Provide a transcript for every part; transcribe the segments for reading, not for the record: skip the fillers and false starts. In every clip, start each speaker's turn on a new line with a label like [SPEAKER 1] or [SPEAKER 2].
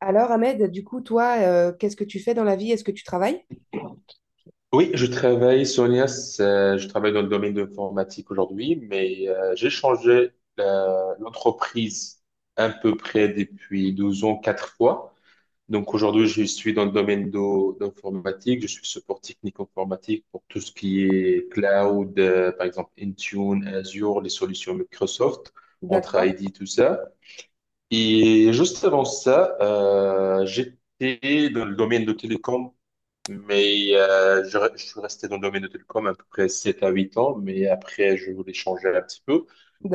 [SPEAKER 1] Alors, Ahmed, du coup, toi, qu'est-ce que tu fais dans la vie? Est-ce que tu travailles?
[SPEAKER 2] Oui, je travaille, Sonia, je travaille dans le domaine de l'informatique aujourd'hui, mais j'ai changé l'entreprise à peu près depuis 12 ans, quatre fois. Donc aujourd'hui, je suis dans le domaine d'informatique, je suis support technique informatique pour tout ce qui est cloud, par exemple Intune, Azure, les solutions Microsoft, entre
[SPEAKER 1] D'accord,
[SPEAKER 2] ID, tout ça. Et juste avant ça, j'étais dans le domaine de télécom, mais je suis resté dans le domaine de télécom à peu près 7 à 8 ans, mais après, je voulais changer un petit peu.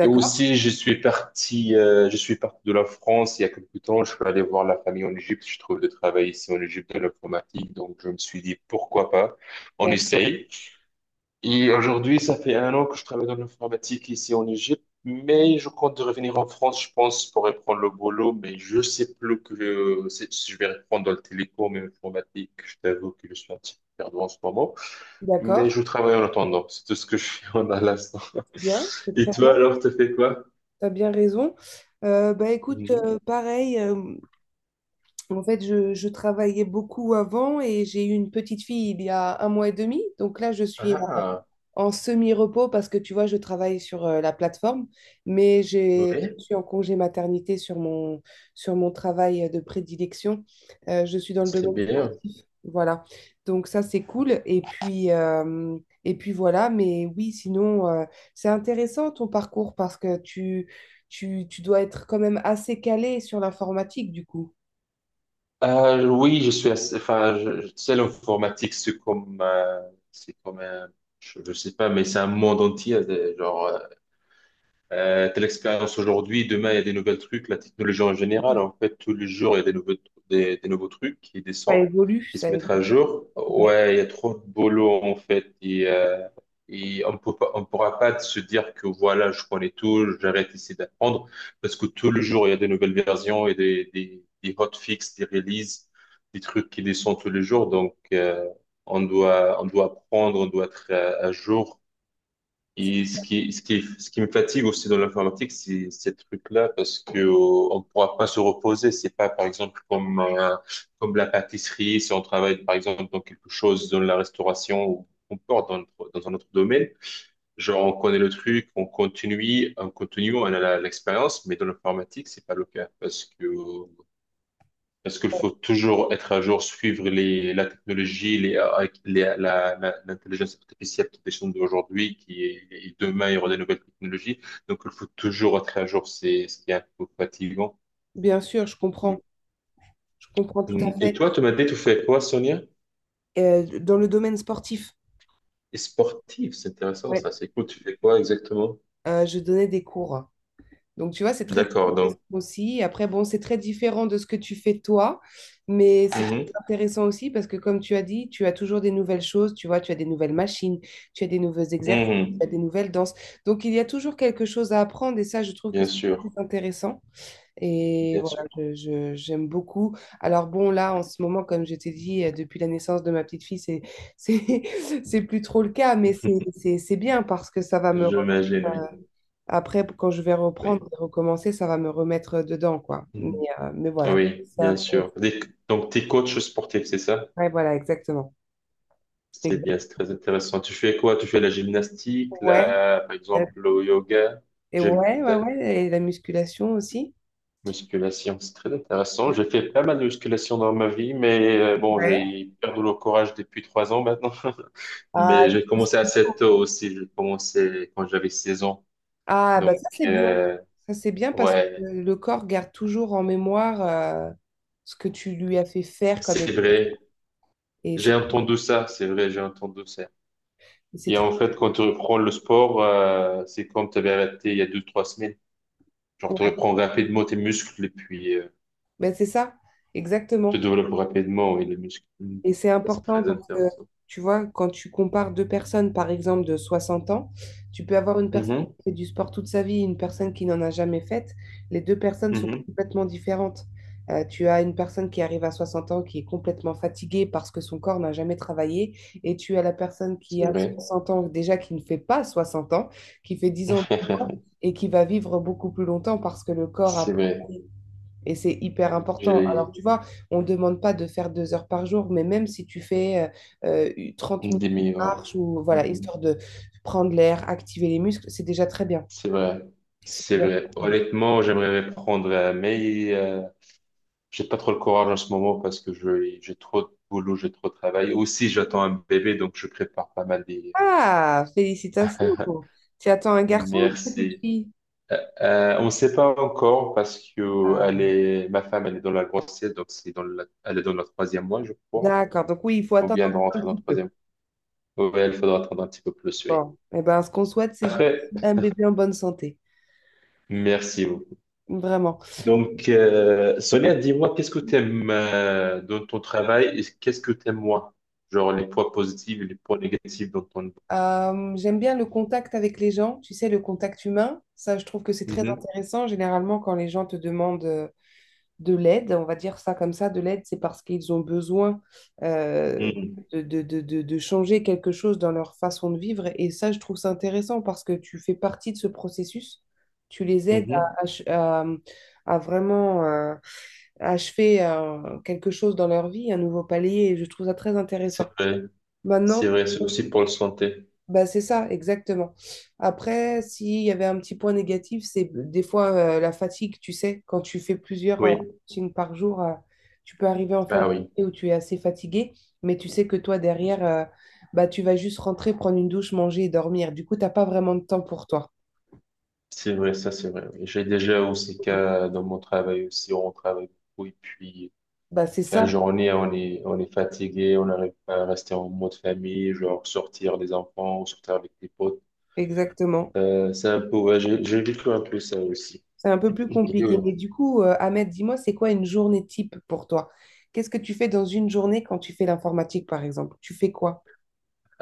[SPEAKER 2] Et aussi, je suis parti de la France il y a quelques temps. Je suis allé voir la famille en Égypte. Je trouve de travail ici en Égypte de l'informatique, donc je me suis dit pourquoi pas, on
[SPEAKER 1] bien,
[SPEAKER 2] essaye. Et aujourd'hui, ça fait un an que je travaille dans l'informatique ici en Égypte, mais je compte de revenir en France, je pense, pour reprendre le boulot, mais je sais plus que si je vais reprendre dans le télécom et l'informatique. Je t'avoue que je suis un petit peu perdu en ce moment,
[SPEAKER 1] d'accord,
[SPEAKER 2] mais je travaille en attendant. C'est tout ce que je fais en à l'instant.
[SPEAKER 1] bien, c'est
[SPEAKER 2] Et
[SPEAKER 1] très bien,
[SPEAKER 2] toi, alors, tu fais quoi?
[SPEAKER 1] tu as bien raison. Bah écoute,
[SPEAKER 2] Mhm.
[SPEAKER 1] pareil, en fait, je travaillais beaucoup avant et j'ai eu une petite fille il y a un mois et demi, donc là, je suis
[SPEAKER 2] Ah,
[SPEAKER 1] en semi-repos parce que tu vois, je travaille sur la plateforme, mais
[SPEAKER 2] ouais,
[SPEAKER 1] je suis en congé maternité sur mon travail de prédilection. Je suis dans le
[SPEAKER 2] c'est
[SPEAKER 1] domaine
[SPEAKER 2] bien.
[SPEAKER 1] sportif. Voilà. Donc ça, c'est cool. Et puis voilà. Mais oui, sinon, c'est intéressant ton parcours parce que tu dois être quand même assez calé sur l'informatique, du coup.
[SPEAKER 2] Oui, je suis assez, enfin, tu sais, l'informatique, c'est comme un. Je sais pas, mais c'est un monde entier, genre, telle expérience aujourd'hui, demain il y a des nouvelles trucs, la technologie en général, en fait, tous les jours il y a des nouveaux, des nouveaux trucs qui
[SPEAKER 1] Ça
[SPEAKER 2] descendent,
[SPEAKER 1] évolue,
[SPEAKER 2] qui
[SPEAKER 1] ça
[SPEAKER 2] se mettent à
[SPEAKER 1] évolue.
[SPEAKER 2] jour.
[SPEAKER 1] Ouais.
[SPEAKER 2] Ouais, il y a trop de boulot en fait, et on peut pas, on pourra pas se dire que voilà, je connais tout, j'arrête ici d'apprendre, parce que tous les jours il y a des nouvelles versions et des hotfix, des releases, des trucs qui descendent tous les jours, donc on doit apprendre, on doit être à jour. Et ce qui me fatigue aussi dans l'informatique, c'est ces trucs-là, parce que on pourra pas se reposer. C'est pas, par exemple, comme la pâtisserie, si on travaille, par exemple, dans quelque chose, dans la restauration ou qu'on porte dans, dans un autre domaine. Genre, on connaît le truc, on continue, on continue, on a l'expérience, mais dans l'informatique, c'est pas le cas, parce qu'il faut toujours être à jour, suivre la technologie, I, l'intelligence artificielle qui descend d'aujourd'hui, qui est, et demain, il y aura des nouvelles technologies. Donc, il faut toujours être à jour. C'est ce qui est un peu fatigant.
[SPEAKER 1] Bien sûr, je comprends. Je comprends tout
[SPEAKER 2] Mm.
[SPEAKER 1] à
[SPEAKER 2] Et
[SPEAKER 1] fait.
[SPEAKER 2] toi, tu m'as dit, tu fais quoi, Sonia?
[SPEAKER 1] Dans le domaine sportif.
[SPEAKER 2] Et sportif, c'est intéressant,
[SPEAKER 1] Ouais.
[SPEAKER 2] ça. C'est cool. Tu fais quoi exactement?
[SPEAKER 1] Je donnais des cours. Donc, tu vois, c'est très
[SPEAKER 2] D'accord,
[SPEAKER 1] intéressant
[SPEAKER 2] donc.
[SPEAKER 1] aussi. Après, bon, c'est très différent de ce que tu fais toi, mais c'est
[SPEAKER 2] Mhm.
[SPEAKER 1] très intéressant aussi parce que, comme tu as dit, tu as toujours des nouvelles choses, tu vois, tu as des nouvelles machines, tu as des nouveaux exercices,
[SPEAKER 2] Mhm.
[SPEAKER 1] tu as des nouvelles danses. Donc, il y a toujours quelque chose à apprendre et ça, je trouve que
[SPEAKER 2] Bien
[SPEAKER 1] c'est très
[SPEAKER 2] sûr,
[SPEAKER 1] intéressant. Et
[SPEAKER 2] bien
[SPEAKER 1] voilà,
[SPEAKER 2] sûr.
[SPEAKER 1] j'aime beaucoup. Alors bon, là, en ce moment, comme je t'ai dit, depuis la naissance de ma petite fille, c'est, c'est plus trop le cas, mais c'est bien parce que ça va me
[SPEAKER 2] J'imagine, oui.
[SPEAKER 1] après, quand je vais reprendre
[SPEAKER 2] Oui,
[SPEAKER 1] et recommencer, ça va me remettre dedans, quoi.
[SPEAKER 2] Mhm.
[SPEAKER 1] Mais voilà,
[SPEAKER 2] Oui,
[SPEAKER 1] c'est
[SPEAKER 2] bien sûr.
[SPEAKER 1] intéressant.
[SPEAKER 2] Des- Donc, tu es coach sportif, c'est ça?
[SPEAKER 1] Ouais, voilà, exactement.
[SPEAKER 2] C'est bien, c'est
[SPEAKER 1] Exactement.
[SPEAKER 2] très intéressant. Tu fais quoi? Tu fais la gymnastique,
[SPEAKER 1] Ouais,
[SPEAKER 2] la, par
[SPEAKER 1] euh,
[SPEAKER 2] exemple, le yoga,
[SPEAKER 1] et
[SPEAKER 2] gym,
[SPEAKER 1] ouais, ouais,
[SPEAKER 2] la
[SPEAKER 1] ouais, et la musculation aussi.
[SPEAKER 2] musculation. C'est très intéressant. J'ai fait pas mal de musculation dans ma vie, mais bon,
[SPEAKER 1] Ouais.
[SPEAKER 2] j'ai perdu le courage depuis 3 ans maintenant.
[SPEAKER 1] Ah,
[SPEAKER 2] Mais j'ai commencé assez tôt aussi. J'ai commencé quand j'avais 16 ans.
[SPEAKER 1] ah, bah
[SPEAKER 2] Donc,
[SPEAKER 1] ça, c'est bien. Ça, c'est bien parce que
[SPEAKER 2] ouais,
[SPEAKER 1] le corps garde toujours en mémoire ce que tu lui as fait faire comme...
[SPEAKER 2] c'est vrai.
[SPEAKER 1] Et
[SPEAKER 2] J'ai entendu ça. C'est vrai, j'ai entendu ça.
[SPEAKER 1] c'est
[SPEAKER 2] Et
[SPEAKER 1] très...
[SPEAKER 2] en fait, quand tu reprends le sport, c'est comme tu avais arrêté il y a 2, 3 semaines. Genre, tu
[SPEAKER 1] Ouais.
[SPEAKER 2] reprends rapidement tes muscles et puis
[SPEAKER 1] Ben, c'est ça,
[SPEAKER 2] se
[SPEAKER 1] exactement.
[SPEAKER 2] développe rapidement et les muscles. Mm.
[SPEAKER 1] Et c'est
[SPEAKER 2] Ça, c'est
[SPEAKER 1] important
[SPEAKER 2] très
[SPEAKER 1] parce que,
[SPEAKER 2] intéressant.
[SPEAKER 1] tu vois, quand tu compares deux personnes, par exemple, de 60 ans, tu peux avoir une personne
[SPEAKER 2] Mhm,
[SPEAKER 1] qui fait du sport toute sa vie et une personne qui n'en a jamais fait. Les deux personnes sont
[SPEAKER 2] mhm.
[SPEAKER 1] complètement différentes. Tu as une personne qui arrive à 60 ans qui est complètement fatiguée parce que son corps n'a jamais travaillé. Et tu as la personne qui
[SPEAKER 2] C'est
[SPEAKER 1] a
[SPEAKER 2] vrai.
[SPEAKER 1] 60 ans, déjà qui ne fait pas 60 ans, qui fait 10 ans de moins et qui va vivre beaucoup plus longtemps parce que le corps a
[SPEAKER 2] C'est vrai.
[SPEAKER 1] travaillé et c'est hyper important. Alors,
[SPEAKER 2] J'ai
[SPEAKER 1] tu vois, on ne demande pas de faire deux heures par jour, mais même si tu fais 30 minutes
[SPEAKER 2] des
[SPEAKER 1] de
[SPEAKER 2] meilleurs.
[SPEAKER 1] marche ou voilà,
[SPEAKER 2] Mhm.
[SPEAKER 1] histoire de prendre l'air, activer les muscles, c'est déjà très bien.
[SPEAKER 2] C'est vrai.
[SPEAKER 1] C'est
[SPEAKER 2] C'est
[SPEAKER 1] déjà
[SPEAKER 2] vrai.
[SPEAKER 1] très bien.
[SPEAKER 2] Honnêtement, j'aimerais reprendre, mais j'ai pas trop le courage en ce moment parce que j'ai trop de boulot, j'ai trop de travail. Aussi, j'attends un bébé, donc je prépare pas mal des...
[SPEAKER 1] Ah, félicitations. Tu attends un garçon ou une petite
[SPEAKER 2] Merci.
[SPEAKER 1] fille?
[SPEAKER 2] On ne sait pas encore parce que elle est, ma femme, elle est dans la grossesse, elle est dans le troisième mois, je crois.
[SPEAKER 1] D'accord. Donc oui, il faut
[SPEAKER 2] On vient de
[SPEAKER 1] attendre un
[SPEAKER 2] rentrer dans
[SPEAKER 1] petit
[SPEAKER 2] le
[SPEAKER 1] peu.
[SPEAKER 2] troisième. Ouais, il faudra attendre un petit peu plus, oui.
[SPEAKER 1] Bon. Eh ben, ce qu'on souhaite, c'est juste
[SPEAKER 2] Après,
[SPEAKER 1] un bébé en bonne santé.
[SPEAKER 2] merci beaucoup.
[SPEAKER 1] Vraiment.
[SPEAKER 2] Donc, Sonia, dis-moi, qu'est-ce que tu aimes dans ton travail et qu'est-ce que tu aimes moins? Genre les points positifs et les points négatifs dans ton...
[SPEAKER 1] J'aime bien le contact avec les gens, tu sais, le contact humain. Ça, je trouve que c'est très
[SPEAKER 2] Mhm.
[SPEAKER 1] intéressant. Généralement, quand les gens te demandent de l'aide, on va dire ça comme ça, de l'aide, c'est parce qu'ils ont besoin euh,
[SPEAKER 2] Mhm.
[SPEAKER 1] de changer quelque chose dans leur façon de vivre. Et ça, je trouve ça intéressant parce que tu fais partie de ce processus. Tu les aides
[SPEAKER 2] Mhm.
[SPEAKER 1] à, ach- à- À vraiment achever quelque chose dans leur vie, un nouveau palier. Et je trouve ça très
[SPEAKER 2] C'est
[SPEAKER 1] intéressant.
[SPEAKER 2] vrai,
[SPEAKER 1] Maintenant,
[SPEAKER 2] c'est vrai, c'est aussi pour la santé.
[SPEAKER 1] bah, c'est ça, exactement. Après, s'il y avait un petit point négatif, c'est des fois la fatigue, tu sais, quand tu fais plusieurs
[SPEAKER 2] Oui,
[SPEAKER 1] coachings par jour, tu peux arriver en fin de
[SPEAKER 2] ah oui,
[SPEAKER 1] journée où tu es assez fatigué, mais tu sais que toi, derrière, bah, tu vas juste rentrer, prendre une douche, manger et dormir. Du coup, tu n'as pas vraiment de temps pour toi.
[SPEAKER 2] c'est vrai, ça c'est vrai. Oui. J'ai déjà aussi cas dans mon travail aussi, on travaille beaucoup et puis
[SPEAKER 1] Bah, c'est
[SPEAKER 2] fin de
[SPEAKER 1] ça,
[SPEAKER 2] journée, on est fatigué, on n'arrive pas à rester en mode famille, genre sortir les enfants ou sortir avec les potes.
[SPEAKER 1] exactement.
[SPEAKER 2] C'est un peu, ouais, j'ai vécu un peu ça aussi.
[SPEAKER 1] C'est un peu plus
[SPEAKER 2] Et,
[SPEAKER 1] compliqué.
[SPEAKER 2] euh,
[SPEAKER 1] Mais du coup, Ahmed, dis-moi, c'est quoi une journée type pour toi? Qu'est-ce que tu fais dans une journée quand tu fais l'informatique, par exemple? Tu fais quoi?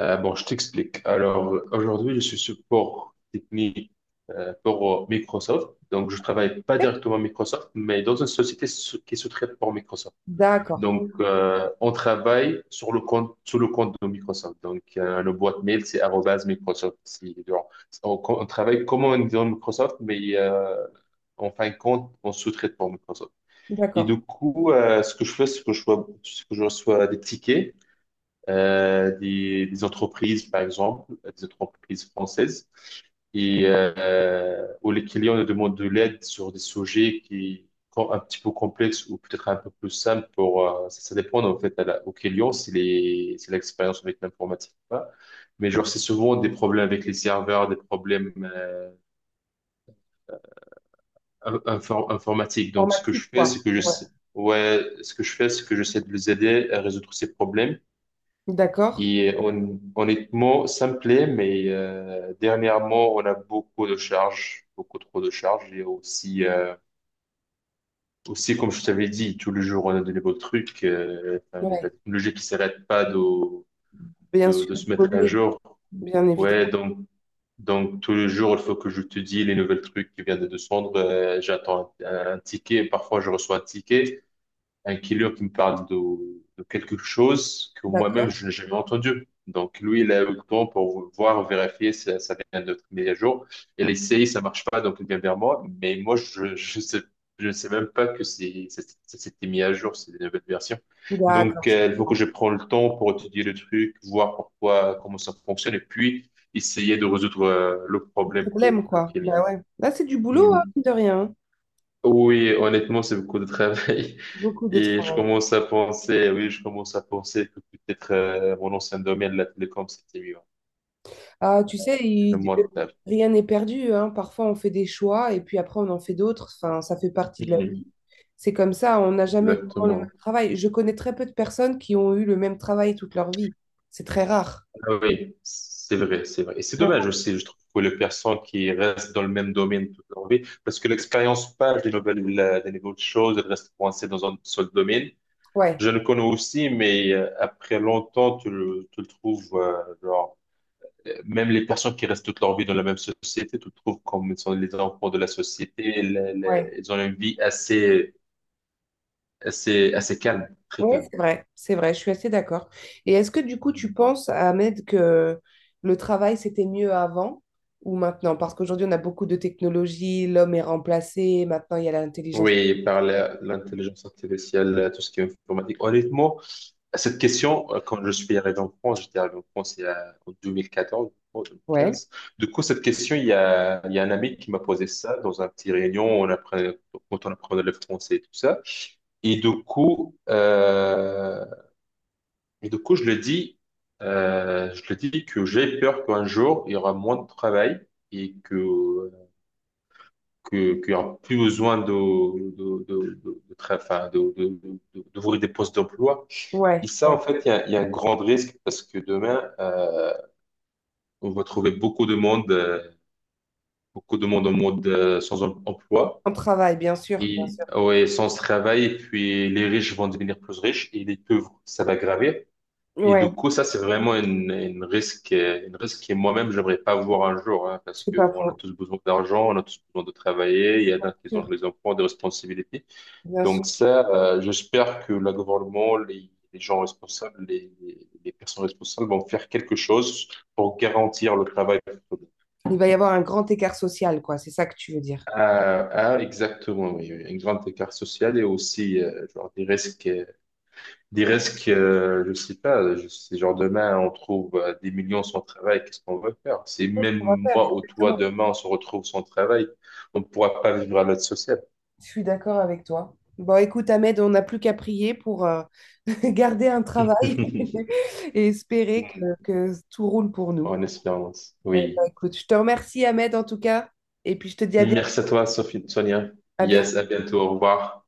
[SPEAKER 2] bon, je t'explique. Alors, aujourd'hui, je suis support technique pour Microsoft. Donc, je travaille pas directement à Microsoft, mais dans une société qui se traite pour Microsoft.
[SPEAKER 1] D'accord,
[SPEAKER 2] Donc, on travaille sur le compte, sous le compte de Microsoft. Donc, le boîte mail, c'est arobase Microsoft. Genre, on travaille comme on dit dans Microsoft, mais en fin de compte, on sous-traite pour Microsoft. Et du
[SPEAKER 1] d'accord.
[SPEAKER 2] coup, ce que je fais, c'est que je reçois des tickets des entreprises, par exemple, des entreprises françaises, et où les clients nous demandent de l'aide sur des sujets qui sont un petit peu complexes ou peut-être un peu plus simples pour ça, ça dépend en fait à la, au client si les c'est l'expérience avec l'informatique ou pas. Mais genre c'est souvent des problèmes avec les serveurs, des problèmes informatiques. Donc ce que
[SPEAKER 1] Informatique,
[SPEAKER 2] je fais,
[SPEAKER 1] quoi.
[SPEAKER 2] c'est que
[SPEAKER 1] Ouais.
[SPEAKER 2] je ouais, ce que je fais, c'est que j'essaie de les aider à résoudre ces problèmes.
[SPEAKER 1] D'accord.
[SPEAKER 2] Et honnêtement, ça me plaît, mais dernièrement, on a beaucoup de charges, beaucoup trop de charges. Et aussi, aussi comme je t'avais dit, tous les jours, on a de nouveaux trucs, enfin, la
[SPEAKER 1] Ouais.
[SPEAKER 2] technologie qui s'arrête pas
[SPEAKER 1] Bien sûr,
[SPEAKER 2] de se mettre à
[SPEAKER 1] polluer,
[SPEAKER 2] jour.
[SPEAKER 1] bien
[SPEAKER 2] Ouais,
[SPEAKER 1] évidemment.
[SPEAKER 2] donc tous les jours, il faut que je te dise les nouvelles trucs qui viennent de descendre. J'attends un ticket, parfois je reçois un ticket. Un killer qui me parle de quelque chose que moi-même
[SPEAKER 1] D'accord.
[SPEAKER 2] je n'ai jamais entendu. Donc lui, il a eu le temps pour voir, vérifier si ça vient de notre mise à jour. Il essaye, ça marche pas, donc il vient vers moi. Mais moi, je ne sais même pas que ça s'était mis à jour, c'est une nouvelle version.
[SPEAKER 1] D'accord,
[SPEAKER 2] Donc
[SPEAKER 1] je
[SPEAKER 2] il faut que
[SPEAKER 1] comprends.
[SPEAKER 2] je prenne le temps pour étudier le truc, voir pourquoi, comment ça fonctionne, et puis essayer de résoudre le
[SPEAKER 1] Le
[SPEAKER 2] problème que,
[SPEAKER 1] problème,
[SPEAKER 2] le
[SPEAKER 1] quoi.
[SPEAKER 2] y.
[SPEAKER 1] Bah ouais. Là, c'est du boulot, hein,
[SPEAKER 2] Hmm.
[SPEAKER 1] mine de rien. Hein.
[SPEAKER 2] Oui, honnêtement, c'est beaucoup de travail.
[SPEAKER 1] Beaucoup de
[SPEAKER 2] Et
[SPEAKER 1] travail.
[SPEAKER 2] je commence à penser que peut-être mon ancien domaine, la télécom, c'était mieux.
[SPEAKER 1] Ah, tu sais,
[SPEAKER 2] Le montage.
[SPEAKER 1] rien n'est perdu, hein. Parfois, on fait des choix et puis après, on en fait d'autres. Enfin, ça fait partie de la
[SPEAKER 2] Mhm.
[SPEAKER 1] vie. C'est comme ça, on n'a jamais vraiment le même
[SPEAKER 2] Exactement.
[SPEAKER 1] travail. Je connais très peu de personnes qui ont eu le même travail toute leur vie. C'est très rare.
[SPEAKER 2] Ah oui, c'est vrai, c'est vrai. Et c'est dommage aussi, je trouve, pour les personnes qui restent dans le même domaine toute leur vie, parce que l'expérience passe des nouvelles, des nouvelles choses, elle reste coincée dans un seul domaine.
[SPEAKER 1] Ouais,
[SPEAKER 2] Je le connais aussi, mais après longtemps, tu le trouves, genre, même les personnes qui restent toute leur vie dans la même société, tu trouves comme ils sont les enfants de la société,
[SPEAKER 1] ouais.
[SPEAKER 2] ils ont une vie assez, assez calme, très
[SPEAKER 1] Oui,
[SPEAKER 2] calme.
[SPEAKER 1] c'est vrai, je suis assez d'accord. Et est-ce que du coup, tu
[SPEAKER 2] Mhm.
[SPEAKER 1] penses, Ahmed, que le travail, c'était mieux avant ou maintenant? Parce qu'aujourd'hui, on a beaucoup de technologies, l'homme est remplacé, maintenant, il y a l'intelligence.
[SPEAKER 2] Oui, par l'intelligence artificielle, tout ce qui est informatique. Honnêtement, cette question, quand je suis arrivé en France, j'étais arrivé en France en 2014, je crois,
[SPEAKER 1] Ouais,
[SPEAKER 2] 2015. Du coup, cette question, il y a un ami qui m'a posé ça dans un petit réunion, quand on apprenait le français et tout ça. Et du coup, euh, je le dis, que j'ai peur qu'un jour, il y aura moins de travail et qu'il y aura plus besoin de enfin, d'ouvrir des postes d'emploi. Et
[SPEAKER 1] ouais,
[SPEAKER 2] ça,
[SPEAKER 1] ouais.
[SPEAKER 2] en fait, il y a un grand risque parce que demain, on va trouver beaucoup de monde, en mode sans emploi
[SPEAKER 1] En travail, bien sûr, bien
[SPEAKER 2] et
[SPEAKER 1] sûr.
[SPEAKER 2] ouais, sans travail. Et puis, les riches vont devenir plus riches et les pauvres, ça va gravir. Et du
[SPEAKER 1] Ouais,
[SPEAKER 2] coup, ça, c'est vraiment une risque, que moi-même, j'aimerais pas voir un jour, hein, parce
[SPEAKER 1] c'est
[SPEAKER 2] que
[SPEAKER 1] pas
[SPEAKER 2] on a
[SPEAKER 1] faux.
[SPEAKER 2] tous besoin d'argent, on a tous besoin de travailler, il y en
[SPEAKER 1] Bien
[SPEAKER 2] a qui ont
[SPEAKER 1] sûr,
[SPEAKER 2] des enfants, des responsabilités.
[SPEAKER 1] bien sûr.
[SPEAKER 2] Donc ça, j'espère que le gouvernement, les gens responsables, les personnes responsables vont faire quelque chose pour garantir le travail.
[SPEAKER 1] Il va y avoir un grand écart social, quoi, c'est ça que tu veux dire.
[SPEAKER 2] Ah, ah, exactement, oui, oui. Un grand écart social et aussi, genre, des risques. Des risques, je sais pas, je sais, genre demain, on trouve des millions sans travail, qu'est-ce qu'on va faire? C'est
[SPEAKER 1] C'est ce qu'on va
[SPEAKER 2] même
[SPEAKER 1] faire,
[SPEAKER 2] moi ou toi,
[SPEAKER 1] exactement.
[SPEAKER 2] demain, on se retrouve sans travail, on ne pourra pas vivre à l'aide sociale.
[SPEAKER 1] Je suis d'accord avec toi. Bon, écoute, Ahmed, on n'a plus qu'à prier pour garder un travail et espérer que tout roule pour nous.
[SPEAKER 2] En espérance,
[SPEAKER 1] Eh ben,
[SPEAKER 2] oui.
[SPEAKER 1] écoute, je te remercie, Ahmed, en tout cas, et puis je te dis
[SPEAKER 2] Merci à toi, Sophie, Sonia.
[SPEAKER 1] à
[SPEAKER 2] Yes, à
[SPEAKER 1] bientôt.
[SPEAKER 2] bientôt, au revoir.